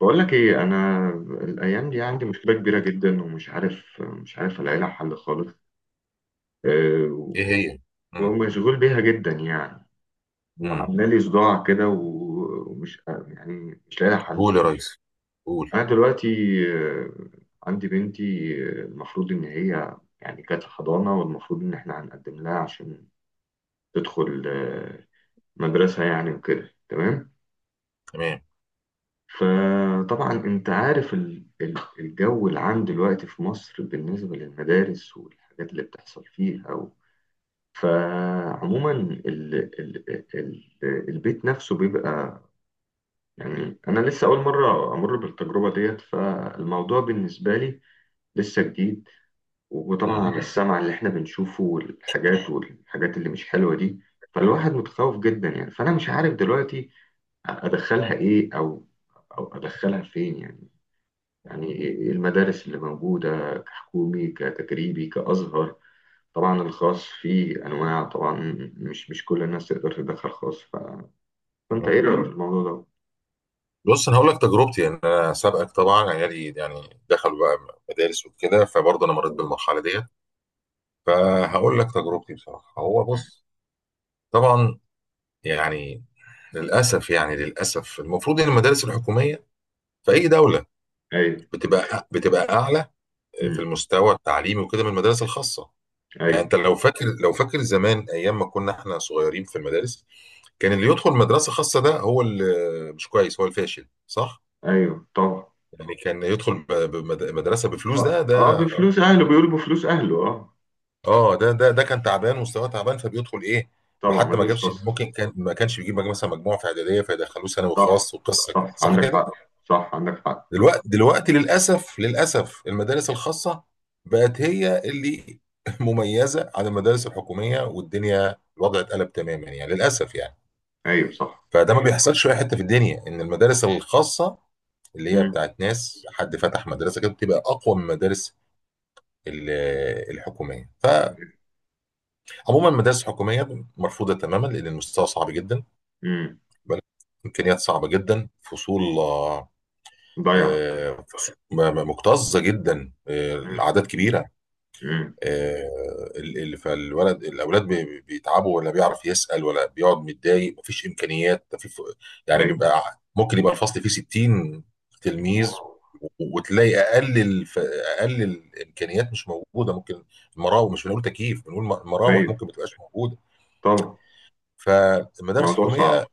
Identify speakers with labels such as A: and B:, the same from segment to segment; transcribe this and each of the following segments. A: بقول لك ايه انا. الايام دي عندي مشكله كبيره جدا، ومش عارف، مش عارف الاقي لها حل خالص. أه.
B: ايه هي؟ امم
A: ومشغول بيها جدا يعني،
B: امم
A: وعامله لي صداع كده، ومش يعني مش لاقي لها حل.
B: قول يا ريس، قول.
A: انا دلوقتي، أه عندي بنتي. المفروض ان هي يعني كانت في حضانه، والمفروض ان احنا هنقدم لها عشان تدخل مدرسه يعني وكده، تمام.
B: تمام.
A: فطبعا انت عارف الجو العام دلوقتي في مصر بالنسبة للمدارس والحاجات اللي بتحصل فيها. فعموما ال... البيت نفسه بيبقى، يعني انا لسه اول مرة امر بالتجربة ديت، فالموضوع بالنسبة لي لسه جديد. وطبعا
B: امم
A: على السمع اللي احنا بنشوفه، والحاجات اللي مش حلوة دي، فالواحد متخوف جدا يعني. فانا مش عارف دلوقتي ادخلها ايه، او ادخلها فين يعني. يعني المدارس اللي موجودة، كحكومي كتجريبي كأزهر، طبعا الخاص فيه أنواع طبعا، مش كل الناس تقدر تدخل خاص، فأنت
B: أمم.
A: إيه رأيك في بجد الموضوع ده؟
B: بص، انا هقول لك تجربتي. يعني انا سابقك طبعا، عيالي يعني دخلوا بقى مدارس وكده، فبرضه انا مريت
A: والله.
B: بالمرحله ديت. فهقول لك تجربتي بصراحه. هو بص، طبعا يعني للاسف، يعني للاسف المفروض ان المدارس الحكوميه في اي دوله
A: أيوه.
B: بتبقى اعلى في
A: أمم.
B: المستوى التعليمي وكده من المدارس الخاصه. يعني
A: أيوه.
B: انت لو فاكر زمان ايام ما كنا احنا صغيرين في المدارس، كان اللي يدخل مدرسة خاصة ده هو اللي مش كويس، هو الفاشل، صح؟
A: أيوه طبعا.
B: يعني كان يدخل مدرسة بفلوس.
A: أه.
B: ده
A: آه،
B: ده
A: بفلوس أهله، بيقولوا بفلوس أهله. أه.
B: اه، ده كان تعبان، مستواه تعبان، فبيدخل ايه؟ ما
A: طبعا
B: حتى ما
A: مدارس
B: جابش،
A: خاصة.
B: ممكن كان ما كانش بيجيب مثلا مجموعة في إعدادية فيدخلوه ثانوي
A: صح.
B: خاص وقصة كده،
A: صح
B: صح
A: عندك
B: كده؟
A: حق. صح عندك حق.
B: دلوقتي للأسف، للأسف المدارس الخاصة بقت هي اللي مميزة عن المدارس الحكومية، والدنيا الوضع اتقلب تماما، يعني للأسف يعني.
A: أيوه صح.
B: فده ما بيحصلش في اي حته في الدنيا ان المدارس الخاصه اللي هي
A: أمم.
B: بتاعت ناس، حد فتح مدرسه كده، بتبقى اقوى من المدارس ال- الحكوميه. فعموما المدارس الحكوميه مرفوضه تماما، لان المستوى صعب جدا،
A: أمم.
B: امكانيات صعبه جدا، فصول
A: ضيع.
B: فصول مكتظه جدا،
A: أمم.
B: الاعداد كبيره،
A: أمم.
B: فالولد، الاولاد بيتعبوا، ولا بيعرف يسال، ولا بيقعد متضايق، مفيش امكانيات. ده في يعني
A: أيوه.
B: بيبقى ممكن يبقى الفصل فيه 60 تلميذ،
A: واو.
B: وتلاقي اقل الامكانيات مش موجوده. ممكن المراوح، مش بنقول تكييف بنقول مراوح،
A: أيوه
B: ممكن ما تبقاش موجوده.
A: طبعا.
B: فالمدارس
A: موضوع صعب.
B: الحكوميه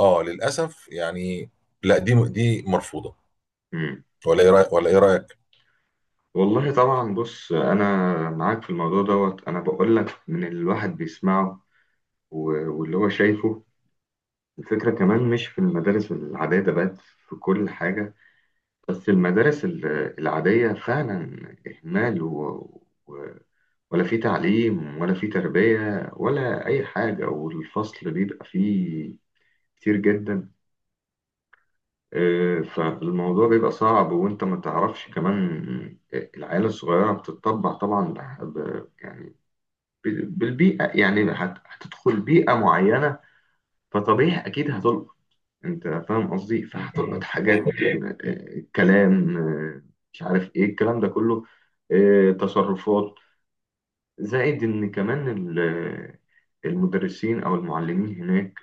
B: اه للاسف يعني، لا دي مرفوضه.
A: أمم.
B: ولا ايه رايك، ولا ايه رايك؟
A: والله طبعا. بص انا معاك في الموضوع دوت، انا بقول لك من اللي الواحد بيسمعه واللي هو شايفه. الفكره كمان مش في المدارس العاديه، ده بقت في كل حاجه. بس المدارس العاديه فعلا اهمال و... ولا في تعليم، ولا في تربيه، ولا اي حاجه، والفصل بيبقى فيه كتير جدا. فالموضوع بيبقى صعب، وانت ما تعرفش كمان. العيال الصغيره بتتطبع طبعا، يعني بالبيئة، يعني هتدخل بيئة معينة، فطبيعي أكيد هتلقط. أنت فاهم قصدي؟ فهتلقط حاجات،
B: ايوه.
A: كلام، مش عارف إيه الكلام ده كله، تصرفات. زائد إن كمان المدرسين أو المعلمين هناك،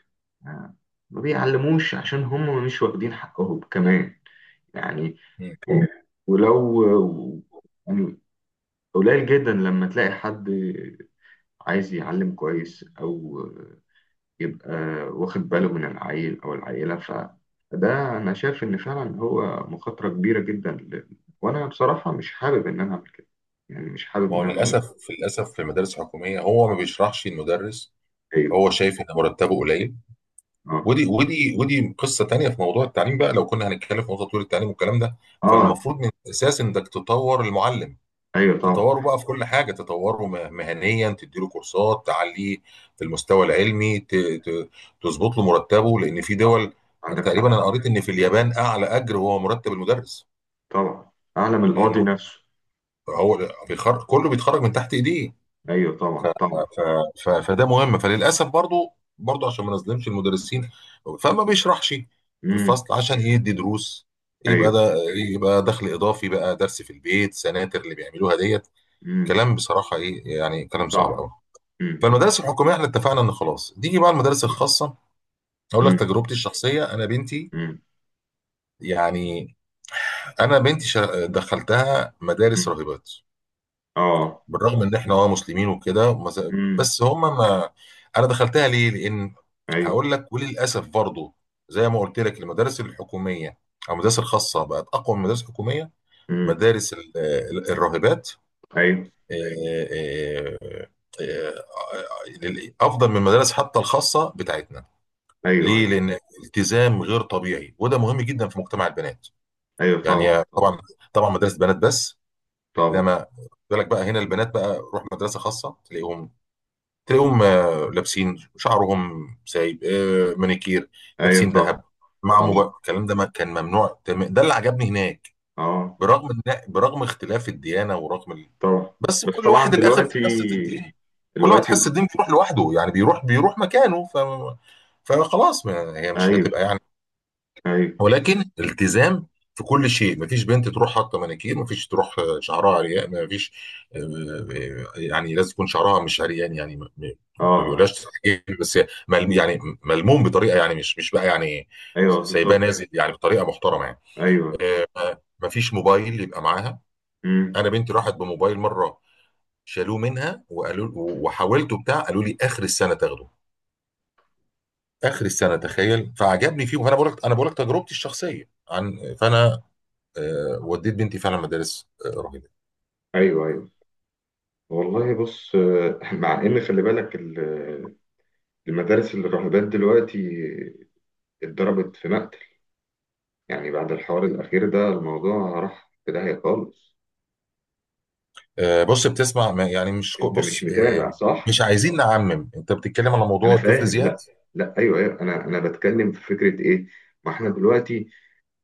A: آه، ما بيعلموش عشان هم مش واخدين حقهم كمان يعني.
B: مم.
A: ولو يعني قليل جدا لما تلاقي حد عايز يعلم كويس، أو يبقى واخد باله من العيل أو العيلة، فده أنا شايف إن فعلا هو مخاطرة كبيرة جدا. وأنا بصراحة مش حابب إن أنا أعمل كده يعني، مش حابب
B: ما هو
A: إن أنا أعمل
B: للاسف،
A: كده.
B: للاسف في المدارس الحكوميه هو ما بيشرحش المدرس،
A: أيوه.
B: هو شايف ان مرتبه قليل.
A: أه.
B: ودي قصه تانية. في موضوع التعليم بقى، لو كنا هنتكلم في موضوع تطوير التعليم والكلام ده،
A: أه.
B: فالمفروض من الاساس انك تطور المعلم.
A: أيوه طبعا.
B: تطوره بقى في كل حاجه، تطوره مهنيا، تديله كورسات تعليه في المستوى العلمي، تظبط له مرتبه، لان في
A: طبعا
B: دول،
A: عندك
B: تقريبا
A: حق.
B: انا قريت ان في اليابان اعلى اجر هو مرتب المدرس،
A: طبعا أعلم القاضي
B: لانه
A: نفسه.
B: هو بيخرج، كله بيتخرج من تحت ايديه.
A: أيوه طبعا طبعا.
B: فده مهم. فللاسف برضو، برضو عشان ما نظلمش المدرسين، فما بيشرحش في
A: أمم.
B: الفصل عشان يدي دروس، يبقى
A: أيوه.
B: ده يبقى دخل اضافي، بقى درس في البيت، سناتر اللي بيعملوها ديت.
A: أمم.
B: كلام بصراحه ايه يعني، كلام صعب
A: صح.
B: قوي.
A: أمم. أمم.
B: فالمدارس الحكوميه احنا اتفقنا ان خلاص، تيجي بقى المدارس الخاصه. اقول
A: أمم.
B: لك تجربتي الشخصيه، انا بنتي،
A: أمم.
B: يعني انا بنتي دخلتها مدارس
A: أمم.
B: راهبات،
A: أه.
B: بالرغم ان احنا اه مسلمين وكده
A: أمم.
B: بس هم ما، انا دخلتها ليه؟ لان
A: أيوه.
B: هقول لك، وللاسف برضه زي ما قلت لك المدارس الحكوميه او المدارس الخاصه بقت اقوى من المدارس الحكوميه.
A: أمم.
B: مدارس الراهبات
A: أيوه
B: آه، آه، آه، آه، آه، افضل من المدارس حتى الخاصه بتاعتنا.
A: أيوه.
B: ليه؟
A: أيوه.
B: لان التزام غير طبيعي، وده مهم جدا في مجتمع البنات
A: أيوه. طبعا
B: يعني.
A: طبعا
B: طبعا طبعا مدارس بنات بس.
A: طبعا.
B: انما بالك بقى، هنا البنات بقى روح مدرسه خاصه تلاقيهم، تلاقيهم لابسين شعرهم سايب، مانيكير،
A: أيوه
B: لابسين
A: طبعا
B: ذهب، مع موبايل،
A: طبعا.
B: الكلام ده ما كان ممنوع. ده اللي عجبني هناك،
A: أه.
B: برغم اختلاف الديانه، ورغم ال...
A: طبعا.
B: بس
A: بس
B: كل
A: طبعا
B: واحد الاخر في
A: دلوقتي،
B: حصه الدين، كل واحد
A: دلوقتي.
B: حس الدين بيروح لوحده، يعني بيروح مكانه. ف... فخلاص ما هي مش
A: ايوه.
B: هتبقى يعني.
A: ايوه.
B: ولكن التزام في كل شيء، مفيش بنت تروح حاطه مانيكير، مفيش تروح شعرها عريان، مفيش آه، يعني لازم يكون شعرها مش عريان يعني ما
A: اه.
B: بيقولهاش تحجير، بس ملم يعني، ملموم بطريقه يعني، مش بقى يعني
A: ايوه
B: سايباه
A: بالظبط.
B: نازل يعني، بطريقه محترمه يعني.
A: ايوه بالظبط.
B: آه، ما- مفيش موبايل يبقى معاها.
A: امم.
B: انا بنتي راحت بموبايل مره، شالوه منها وقالوا، وحاولته بتاع، قالوا لي اخر السنه تاخده، اخر السنه، تخيل. فعجبني فيه، وانا بقول لك، انا بقول لك تجربتي الشخصيه. عن فانا وديت بنتي فعلا مدارس رهيبه.
A: ايوه. ايوه. والله بص مع ان خلي بالك المدارس الراهبات دلوقتي اتضربت في مقتل، يعني بعد الحوار الاخير ده الموضوع راح في داهيه خالص.
B: بص، بتسمع يعني مش كو-
A: انت مش
B: بص
A: متابع، صح؟
B: مش عايزين نعمم، انت بتتكلم على
A: انا
B: موضوع الطفل
A: فاهم.
B: زياد.
A: لا. لا ايوه ايوه. انا بتكلم في فكره ايه، ما احنا دلوقتي،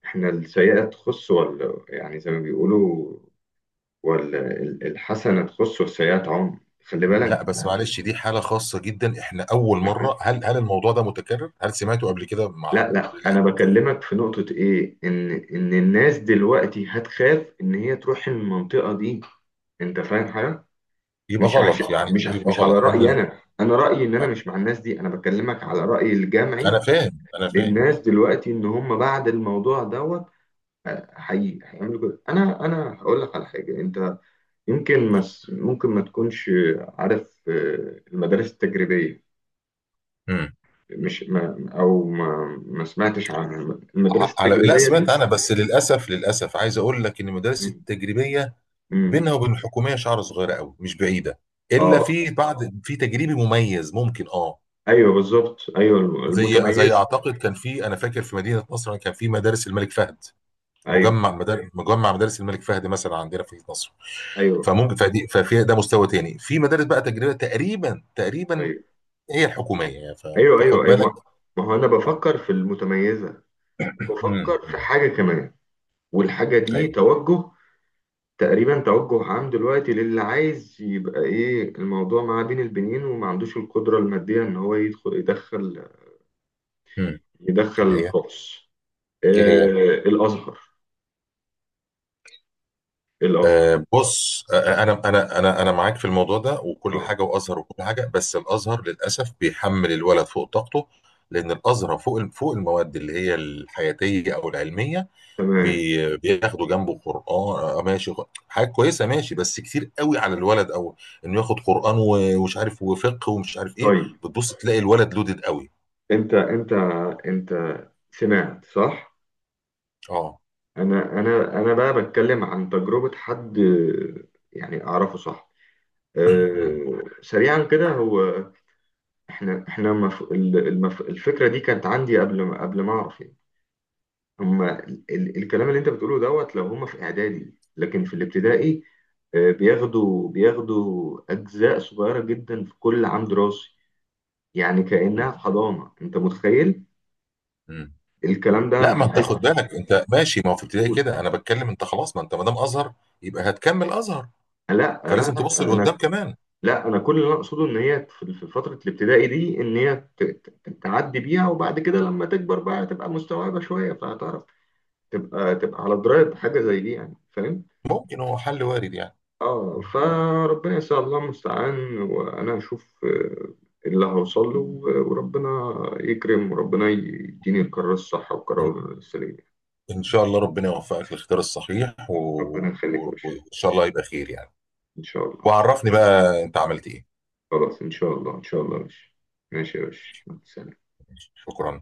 A: احنا السيئه تخص ولا، يعني زي ما بيقولوا، والحسنة تخص والسيئة تعم. خلي بالك
B: لا بس
A: أنا
B: معلش، دي حاله خاصه جدا، احنا اول
A: عارف.
B: مره. هل هل الموضوع ده متكرر؟ هل سمعته قبل كده مع؟
A: لا لا،
B: لا،
A: أنا بكلمك في نقطة إيه، إن الناس دلوقتي هتخاف إن هي تروح المنطقة دي. أنت فاهم حاجة؟
B: يبقى
A: مش عش...
B: غلط يعني، يبقى
A: مش
B: غلط،
A: على رأيي،
B: لان
A: أنا رأيي إن أنا مش مع الناس دي، أنا بكلمك على رأيي
B: انا
A: الجمعي
B: فاهم انا فاهم
A: للناس دلوقتي، إن هم بعد الموضوع دوت هي هيعملوا كده. أنا هقول لك على حاجة. أنت يمكن ممكن ما تكونش عارف، المدارس التجريبية،
B: مم.
A: مش ما او ما, ما سمعتش عن المدرسه
B: على، لا
A: التجريبيه دي.
B: سمعت عنها، بس للاسف، للاسف عايز اقول لك ان المدارس
A: مم.
B: التجريبيه
A: مم.
B: بينها وبين الحكوميه شعره صغيره قوي، مش بعيده، الا
A: اه.
B: في بعض، في تجريبي مميز ممكن اه.
A: ايوه بالظبط. ايوه
B: زي
A: المتميزه.
B: اعتقد كان في، انا فاكر في مدينه نصر كان في مدارس الملك فهد،
A: ايوه
B: مجمع مدارس، مجمع مدارس الملك فهد مثلا عندنا في نصر.
A: ايوه
B: فممكن، فدي ففي ده مستوى تاني في مدارس بقى تجريبيه، تقريبا تقريبا
A: ايوه.
B: هي الحكوميه يعني،
A: ايوه
B: فخد
A: ايوه ايوه
B: بالك.
A: ما. ما هو انا
B: اه.
A: بفكر في المتميزه، وبفكر في
B: أمم.
A: حاجه كمان. والحاجه دي
B: أيوة.
A: توجه، تقريبا توجه عام دلوقتي للي عايز يبقى ايه الموضوع معاه بين البنين، وما عندوش القدره الماديه ان هو
B: أمم. اللي
A: يدخل
B: هي
A: خاص.
B: ايه هي؟
A: آه. الازهر. الازهر.
B: بص انا معاك في الموضوع ده وكل
A: اه.
B: حاجه، وازهر وكل حاجه، بس الازهر للاسف بيحمل الولد فوق طاقته، لان الازهر فوق، فوق المواد اللي هي الحياتيه او العلميه
A: تمام.
B: بياخدوا جنبه قران، ماشي، حاجه كويسه، ماشي، بس كتير قوي على الولد، او انه ياخد قران ومش عارف، وفقه ومش عارف ايه.
A: طيب.
B: بتبص تلاقي الولد لودد قوي.
A: انت انت انت سمعت صح؟
B: اه.
A: انا بقى بتكلم عن تجربة حد يعني اعرفه، صح.
B: مم.
A: أه سريعا كده هو، احنا احنا مف... ال- المف... الفكرة دي كانت عندي قبل ما اعرف يعني. هما الكلام اللي انت بتقوله دوت، لو هما في اعدادي، لكن في الابتدائي بياخدوا اجزاء صغيرة جدا في كل عام دراسي، يعني
B: مم.
A: كأنها في حضانة. انت متخيل؟
B: مم.
A: الكلام ده
B: لا، ما انت
A: محدش.
B: خد بالك، انت ماشي، ما هو في ابتدائي كده انا بتكلم. انت خلاص، ما انت ما دام ازهر يبقى هتكمل ازهر،
A: لا. لا.
B: فلازم
A: لا
B: تبص
A: انا.
B: لقدام كمان.
A: لا انا كل اللي أنا اقصده ان هي في فتره الابتدائي دي، ان هي تعدي بيها، وبعد كده لما تكبر بقى تبقى مستوعبه شويه، فهتعرف تبقى على درايه بحاجه زي دي يعني. فاهم؟
B: ممكن هو حل وارد يعني.
A: اه. فربنا ان شاء الله المستعان، وانا هشوف اللي هوصل له، وربنا يكرم، وربنا يديني القرار الصح
B: إن
A: والقرار السليم.
B: إن شاء الله ربنا يوفقك للاختيار الصحيح و...
A: ربنا يخليك يا
B: و...
A: باشا.
B: وإن شاء الله يبقى خير يعني.
A: ان شاء الله ان شاء
B: وعرفني
A: الله.
B: بقى أنت عملت إيه.
A: خلاص ان شاء الله ان شاء الله يا باشا. ماشي يا باشا، مع السلامة.
B: شكرا.